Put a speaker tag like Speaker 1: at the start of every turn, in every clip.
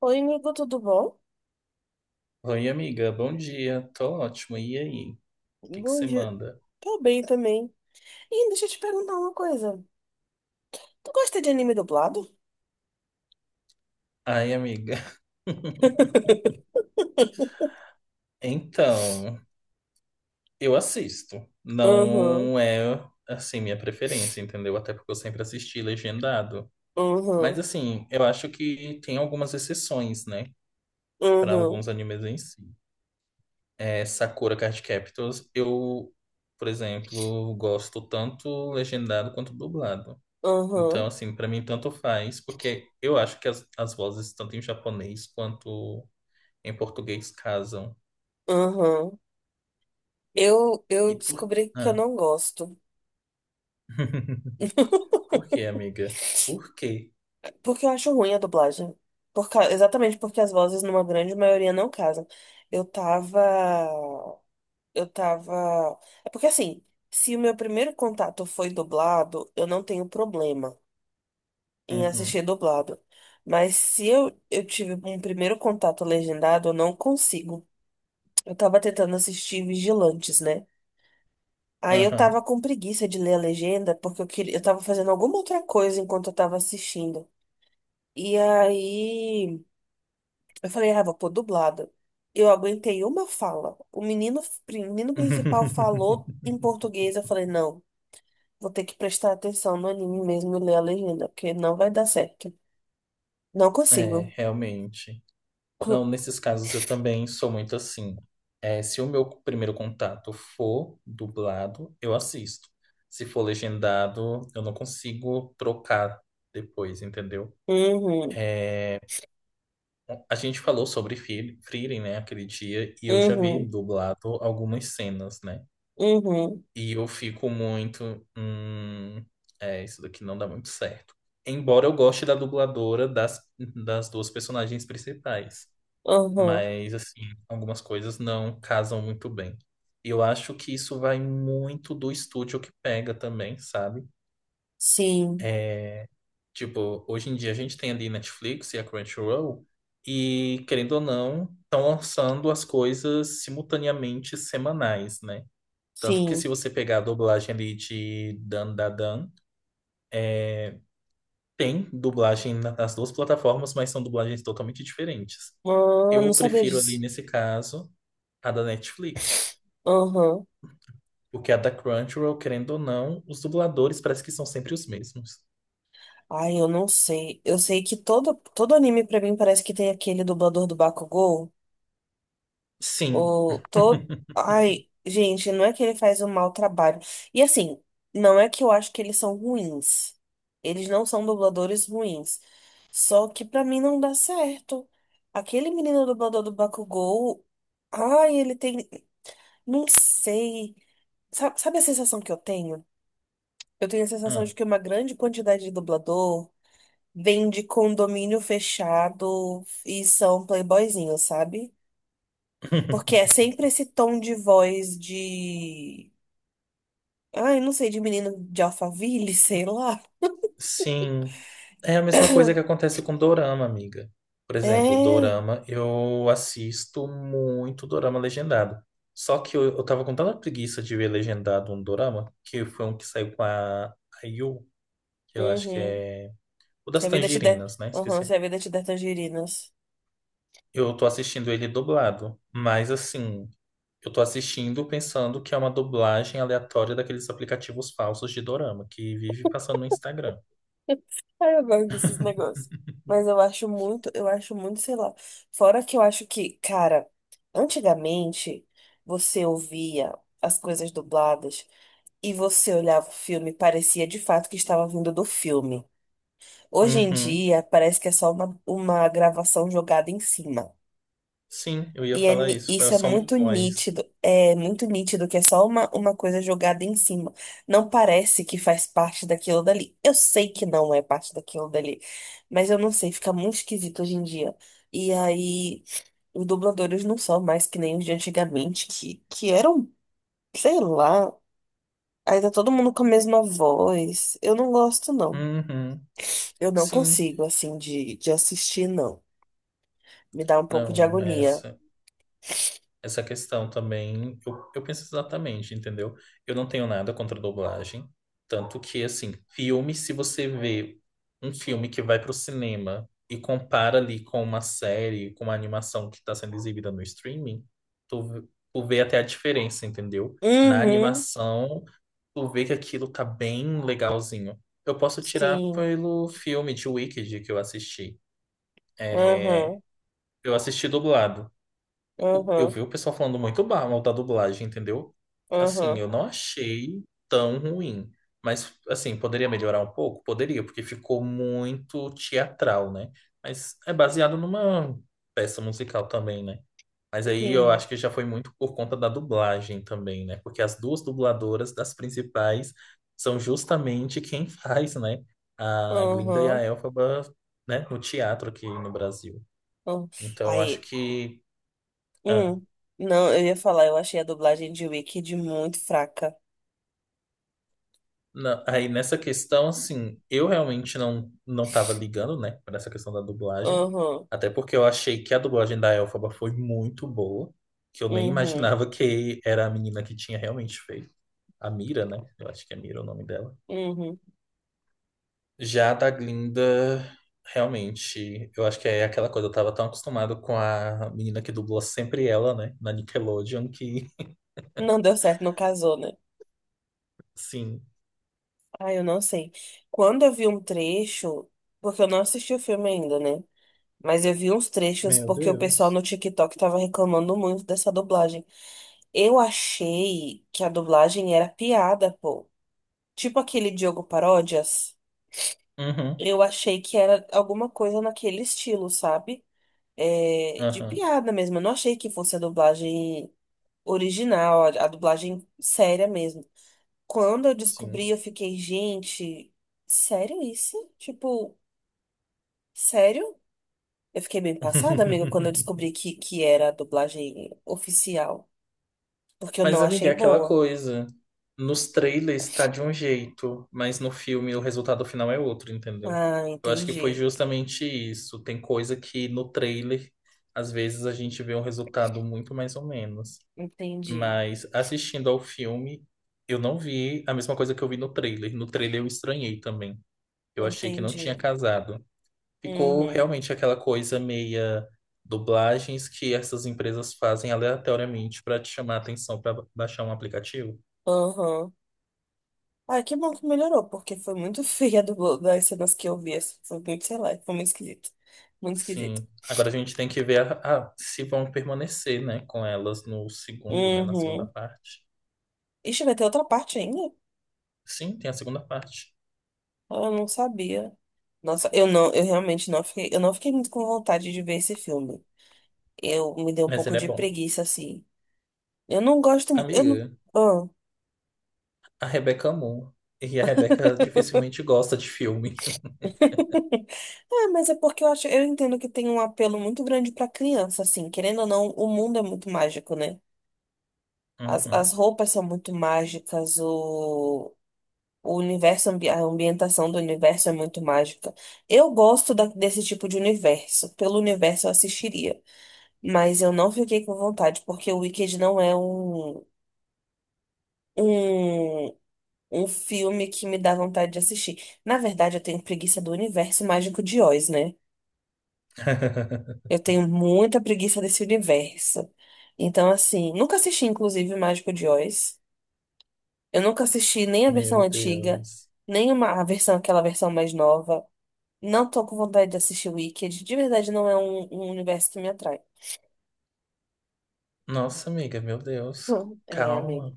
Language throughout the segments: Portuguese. Speaker 1: Oi, amigo, tudo bom?
Speaker 2: Oi, amiga, bom dia. Tô ótimo. E aí? O que que
Speaker 1: Bom
Speaker 2: você
Speaker 1: dia.
Speaker 2: manda?
Speaker 1: Tô bem também. Ih, deixa eu te perguntar uma coisa. Tu gosta de anime dublado?
Speaker 2: Ai, amiga. Então, eu assisto.
Speaker 1: Uhum,
Speaker 2: Não é, assim, minha preferência, entendeu? Até porque eu sempre assisti legendado.
Speaker 1: uhum,
Speaker 2: Mas, assim, eu acho que tem algumas exceções, né? Para
Speaker 1: uhum,
Speaker 2: alguns animes em si. É, Sakura Card Captors, eu, por exemplo, gosto tanto legendado quanto dublado. Então,
Speaker 1: uhum,
Speaker 2: assim, pra mim tanto faz, porque eu acho que as vozes, tanto em japonês quanto em português, casam.
Speaker 1: uhum. Eu
Speaker 2: E por...
Speaker 1: descobri que eu
Speaker 2: Ah.
Speaker 1: não gosto.
Speaker 2: Por quê, amiga? Por quê?
Speaker 1: Porque eu acho ruim a dublagem. Exatamente porque as vozes, numa grande maioria, não casam. Eu tava. Eu tava. É porque assim, se o meu primeiro contato foi dublado, eu não tenho problema em
Speaker 2: Uhum.
Speaker 1: assistir dublado. Mas se eu tive um primeiro contato legendado, eu não consigo. Eu tava tentando assistir Vigilantes, né? Aí eu tava
Speaker 2: Aham.
Speaker 1: com preguiça de ler a legenda, porque eu queria, eu tava fazendo alguma outra coisa enquanto eu tava assistindo. E aí eu falei, ah, vou pôr dublado. Eu aguentei uma fala. O menino principal falou em português. Eu falei, não, vou ter que prestar atenção no anime mesmo e ler a legenda, porque não vai dar certo. Não
Speaker 2: É,
Speaker 1: consigo.
Speaker 2: realmente. Não, nesses casos eu também sou muito assim. É, se o meu primeiro contato for dublado, eu assisto. Se for legendado, eu não consigo trocar depois, entendeu?
Speaker 1: Uhum.
Speaker 2: É, a gente falou sobre Frieren, né, aquele dia, e eu já vi
Speaker 1: Uhum,
Speaker 2: dublado algumas cenas, né?
Speaker 1: uhum,
Speaker 2: E eu fico muito, é, isso daqui não dá muito certo. Embora eu goste da dubladora das duas personagens principais,
Speaker 1: uhum.
Speaker 2: mas, assim, algumas coisas não casam muito bem. E eu acho que isso vai muito do estúdio que pega também, sabe?
Speaker 1: Sim,
Speaker 2: É, tipo, hoje em dia a gente tem ali Netflix e a Crunchyroll, e querendo ou não, estão lançando as coisas simultaneamente semanais, né? Tanto que se
Speaker 1: sim.
Speaker 2: você pegar a dublagem ali de Dan Da Dan, tem dublagem nas duas plataformas, mas são dublagens totalmente diferentes.
Speaker 1: Ah, não
Speaker 2: Eu
Speaker 1: sabia
Speaker 2: prefiro ali,
Speaker 1: disso.
Speaker 2: nesse caso, a da Netflix,
Speaker 1: Uhum.
Speaker 2: porque a da Crunchyroll, querendo ou não, os dubladores parece que são sempre os mesmos.
Speaker 1: Ai, eu não sei. Eu sei que todo anime pra mim parece que tem aquele dublador do Bakugou.
Speaker 2: Sim.
Speaker 1: Ou todo. Ai, gente, não é que ele faz um mau trabalho. E assim, não é que eu acho que eles são ruins. Eles não são dubladores ruins. Só que pra mim não dá certo. Aquele menino dublador do Bakugou. Ai, ele tem. Não sei. Sabe a sensação que eu tenho? Eu tenho a sensação
Speaker 2: Ah.
Speaker 1: de que uma grande quantidade de dublador vem de condomínio fechado e são playboyzinhos, sabe? Porque é sempre esse tom de voz de. Ai, não sei, de menino de Alphaville, sei lá.
Speaker 2: Sim, é a mesma coisa que acontece com dorama, amiga. Por exemplo,
Speaker 1: É.
Speaker 2: dorama, eu assisto muito dorama legendado. Só que eu tava com tanta preguiça de ver legendado um dorama, que foi um que saiu com a Yu, que eu acho que
Speaker 1: Uhum.
Speaker 2: é o
Speaker 1: Se
Speaker 2: das
Speaker 1: a vida te der.
Speaker 2: tangerinas, né?
Speaker 1: Uhum,
Speaker 2: Esqueci.
Speaker 1: se a vida te der tangerinas.
Speaker 2: Eu tô assistindo ele dublado, mas assim, eu tô assistindo pensando que é uma dublagem aleatória daqueles aplicativos falsos de dorama, que vive passando no Instagram.
Speaker 1: Ai, eu gosto desses negócios. Mas eu acho muito, sei lá. Fora que eu acho que, cara, antigamente você ouvia as coisas dubladas e você olhava o filme, e parecia de fato que estava vindo do filme. Hoje em
Speaker 2: Uhum.
Speaker 1: dia, parece que é só uma gravação jogada em cima.
Speaker 2: Sim, eu ia
Speaker 1: E é
Speaker 2: falar isso. É
Speaker 1: isso
Speaker 2: só uma voz.
Speaker 1: é muito nítido que é só uma coisa jogada em cima. Não parece que faz parte daquilo dali. Eu sei que não é parte daquilo dali, mas eu não sei, fica muito esquisito hoje em dia. E aí, os dubladores não são mais que nem os de antigamente, que eram, sei lá, ainda todo mundo com a mesma voz. Eu não gosto, não.
Speaker 2: Uhum.
Speaker 1: Eu não
Speaker 2: Sim.
Speaker 1: consigo, assim, de assistir, não. Me dá um pouco de
Speaker 2: Não,
Speaker 1: agonia.
Speaker 2: essa questão também, eu penso exatamente, entendeu? Eu não tenho nada contra dublagem, tanto que assim, filme, se você vê um filme que vai pro cinema e compara ali com uma série, com uma animação que está sendo exibida no streaming, tu, tu vê até a diferença, entendeu? Na
Speaker 1: Uhum,
Speaker 2: animação, tu vê que aquilo tá bem legalzinho. Eu posso tirar
Speaker 1: sim.
Speaker 2: pelo filme de Wicked que eu assisti. É,
Speaker 1: Aham.
Speaker 2: eu assisti dublado o- eu
Speaker 1: Aham,
Speaker 2: vi o pessoal falando muito mal da dublagem, entendeu? Assim,
Speaker 1: aham,
Speaker 2: eu não achei tão ruim. Mas, assim, poderia melhorar um pouco? Poderia, porque ficou muito teatral, né? Mas é baseado numa peça musical também, né? Mas aí eu
Speaker 1: Sim.
Speaker 2: acho que já foi muito por conta da dublagem também, né? Porque as duas dubladoras das principais são justamente quem faz, né? A Glinda e
Speaker 1: aham.
Speaker 2: a Elphaba, né? No teatro aqui no Brasil.
Speaker 1: aham.
Speaker 2: Então eu acho
Speaker 1: Aí,
Speaker 2: que.
Speaker 1: hum, não, eu ia falar, eu achei a dublagem de Wicked muito fraca.
Speaker 2: Na- aí nessa questão, assim, eu realmente não tava ligando, né, para essa questão da dublagem,
Speaker 1: Aham,
Speaker 2: até porque eu achei que a dublagem da Elphaba foi muito boa, que eu nem
Speaker 1: uhum,
Speaker 2: imaginava que era a menina que tinha realmente feito, a Mira, né? Eu acho que é Mira o nome dela.
Speaker 1: uhum.
Speaker 2: Já a da Glinda, realmente, eu acho que é aquela coisa, eu tava tão acostumado com a menina que dublou sempre ela, né, na Nickelodeon, que,
Speaker 1: Não deu certo, não casou, né?
Speaker 2: sim.
Speaker 1: Ah, eu não sei. Quando eu vi um trecho, porque eu não assisti o filme ainda, né? Mas eu vi uns trechos
Speaker 2: Meu
Speaker 1: porque o pessoal
Speaker 2: Deus.
Speaker 1: no TikTok tava reclamando muito dessa dublagem. Eu achei que a dublagem era piada, pô. Tipo aquele Diogo Paródias.
Speaker 2: Uhum,
Speaker 1: Eu achei que era alguma coisa naquele estilo, sabe? É, de
Speaker 2: aham,
Speaker 1: piada mesmo. Eu não achei que fosse a dublagem original, a dublagem séria mesmo. Quando eu
Speaker 2: sim.
Speaker 1: descobri, eu fiquei, gente, sério isso? Tipo, sério? Eu fiquei bem passada, amiga, quando eu descobri que era a dublagem oficial. Porque eu
Speaker 2: Mas,
Speaker 1: não
Speaker 2: amiga,
Speaker 1: achei
Speaker 2: é aquela
Speaker 1: boa.
Speaker 2: coisa. Nos trailers tá de um jeito, mas no filme o resultado final é outro, entendeu?
Speaker 1: Ah,
Speaker 2: Eu acho que foi
Speaker 1: entendi.
Speaker 2: justamente isso. Tem coisa que no trailer, às vezes, a gente vê um resultado muito mais ou menos.
Speaker 1: Entendi.
Speaker 2: Mas assistindo ao filme, eu não vi a mesma coisa que eu vi no trailer. No trailer eu estranhei também. Eu achei que não tinha
Speaker 1: Entendi.
Speaker 2: casado. Ficou
Speaker 1: Uhum.
Speaker 2: realmente aquela coisa meia dublagens que essas empresas fazem aleatoriamente para te chamar a atenção para baixar um aplicativo.
Speaker 1: Aham. Ai, que bom que melhorou, porque foi muito feia do, das cenas que eu vi. Assim, foi muito, sei lá, foi muito esquisito. Muito esquisito.
Speaker 2: Sim. Agora a gente tem que ver se vão permanecer, né, com elas no segundo, né, na segunda
Speaker 1: Uhum.
Speaker 2: parte.
Speaker 1: Ixi, vai ter outra parte ainda?
Speaker 2: Sim, tem a segunda parte,
Speaker 1: Ah, eu não sabia. Nossa, eu realmente não fiquei, eu não fiquei muito com vontade de ver esse filme. Eu me dei um
Speaker 2: mas
Speaker 1: pouco
Speaker 2: ele é
Speaker 1: de
Speaker 2: bom.
Speaker 1: preguiça, assim. Eu não gosto, eu não.
Speaker 2: Amiga,
Speaker 1: Ah.
Speaker 2: a Rebeca amou. E a Rebeca dificilmente gosta de filme.
Speaker 1: Ah, mas é porque eu acho, eu entendo que tem um apelo muito grande pra criança, assim, querendo ou não, o mundo é muito mágico, né? As,
Speaker 2: Uhum.
Speaker 1: as roupas são muito mágicas, o universo, a ambientação do universo é muito mágica. Eu gosto desse tipo de universo. Pelo universo eu assistiria. Mas eu não fiquei com vontade, porque o Wicked não é um, um filme que me dá vontade de assistir. Na verdade, eu tenho preguiça do universo mágico de Oz, né? Eu tenho muita preguiça desse universo. Então, assim, nunca assisti, inclusive, o Mágico de Oz. Eu nunca assisti nem a versão
Speaker 2: Meu
Speaker 1: antiga,
Speaker 2: Deus.
Speaker 1: nem uma, a versão, aquela versão mais nova. Não tô com vontade de assistir Wicked. De verdade, não é um universo que me atrai.
Speaker 2: Nossa, amiga, meu Deus.
Speaker 1: Hum. É, amigo.
Speaker 2: Calma,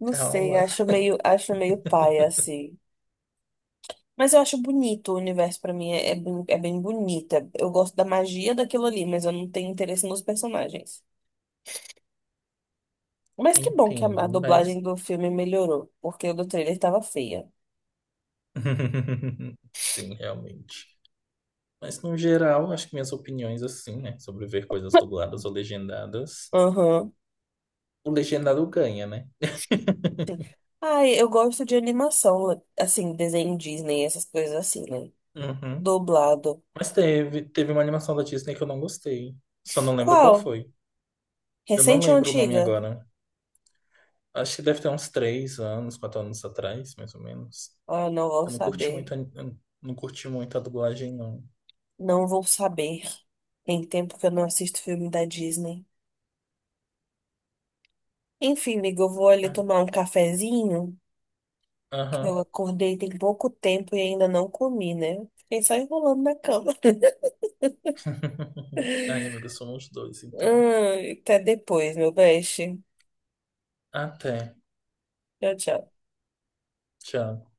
Speaker 1: Não sei,
Speaker 2: calma.
Speaker 1: acho meio paia, assim. Mas eu acho bonito o universo pra mim, é bem bonito. Eu gosto da magia daquilo ali, mas eu não tenho interesse nos personagens. Mas que bom que a
Speaker 2: Entendo,
Speaker 1: dublagem
Speaker 2: mas.
Speaker 1: do filme melhorou, porque o do trailer tava feia.
Speaker 2: Sim, realmente. Mas, no geral, acho que minhas opiniões, assim, né? Sobre ver coisas dubladas ou legendadas.
Speaker 1: Aham.
Speaker 2: O legendado ganha, né?
Speaker 1: Ai, eu gosto de animação, assim, desenho Disney, essas coisas assim, né?
Speaker 2: Uhum.
Speaker 1: Dublado.
Speaker 2: Mas teve uma animação da Disney que eu não gostei. Só não lembro qual
Speaker 1: Qual?
Speaker 2: foi. Eu não
Speaker 1: Recente ou
Speaker 2: lembro o nome
Speaker 1: antiga?
Speaker 2: agora. Acho que deve ter uns 3 anos, 4 anos atrás, mais ou menos.
Speaker 1: Ah, não vou saber.
Speaker 2: Eu não curti muito a dublagem, não.
Speaker 1: Não vou saber. Tem tempo que eu não assisto filme da Disney. Enfim, amiga, eu vou ali
Speaker 2: Ah,
Speaker 1: tomar um cafezinho, que eu
Speaker 2: aham.
Speaker 1: acordei tem pouco tempo e ainda não comi, né? Fiquei só enrolando na cama.
Speaker 2: Ai, amiga, somos dois, então.
Speaker 1: Até depois, meu beijo.
Speaker 2: Até.
Speaker 1: Tchau, tchau.
Speaker 2: Tchau.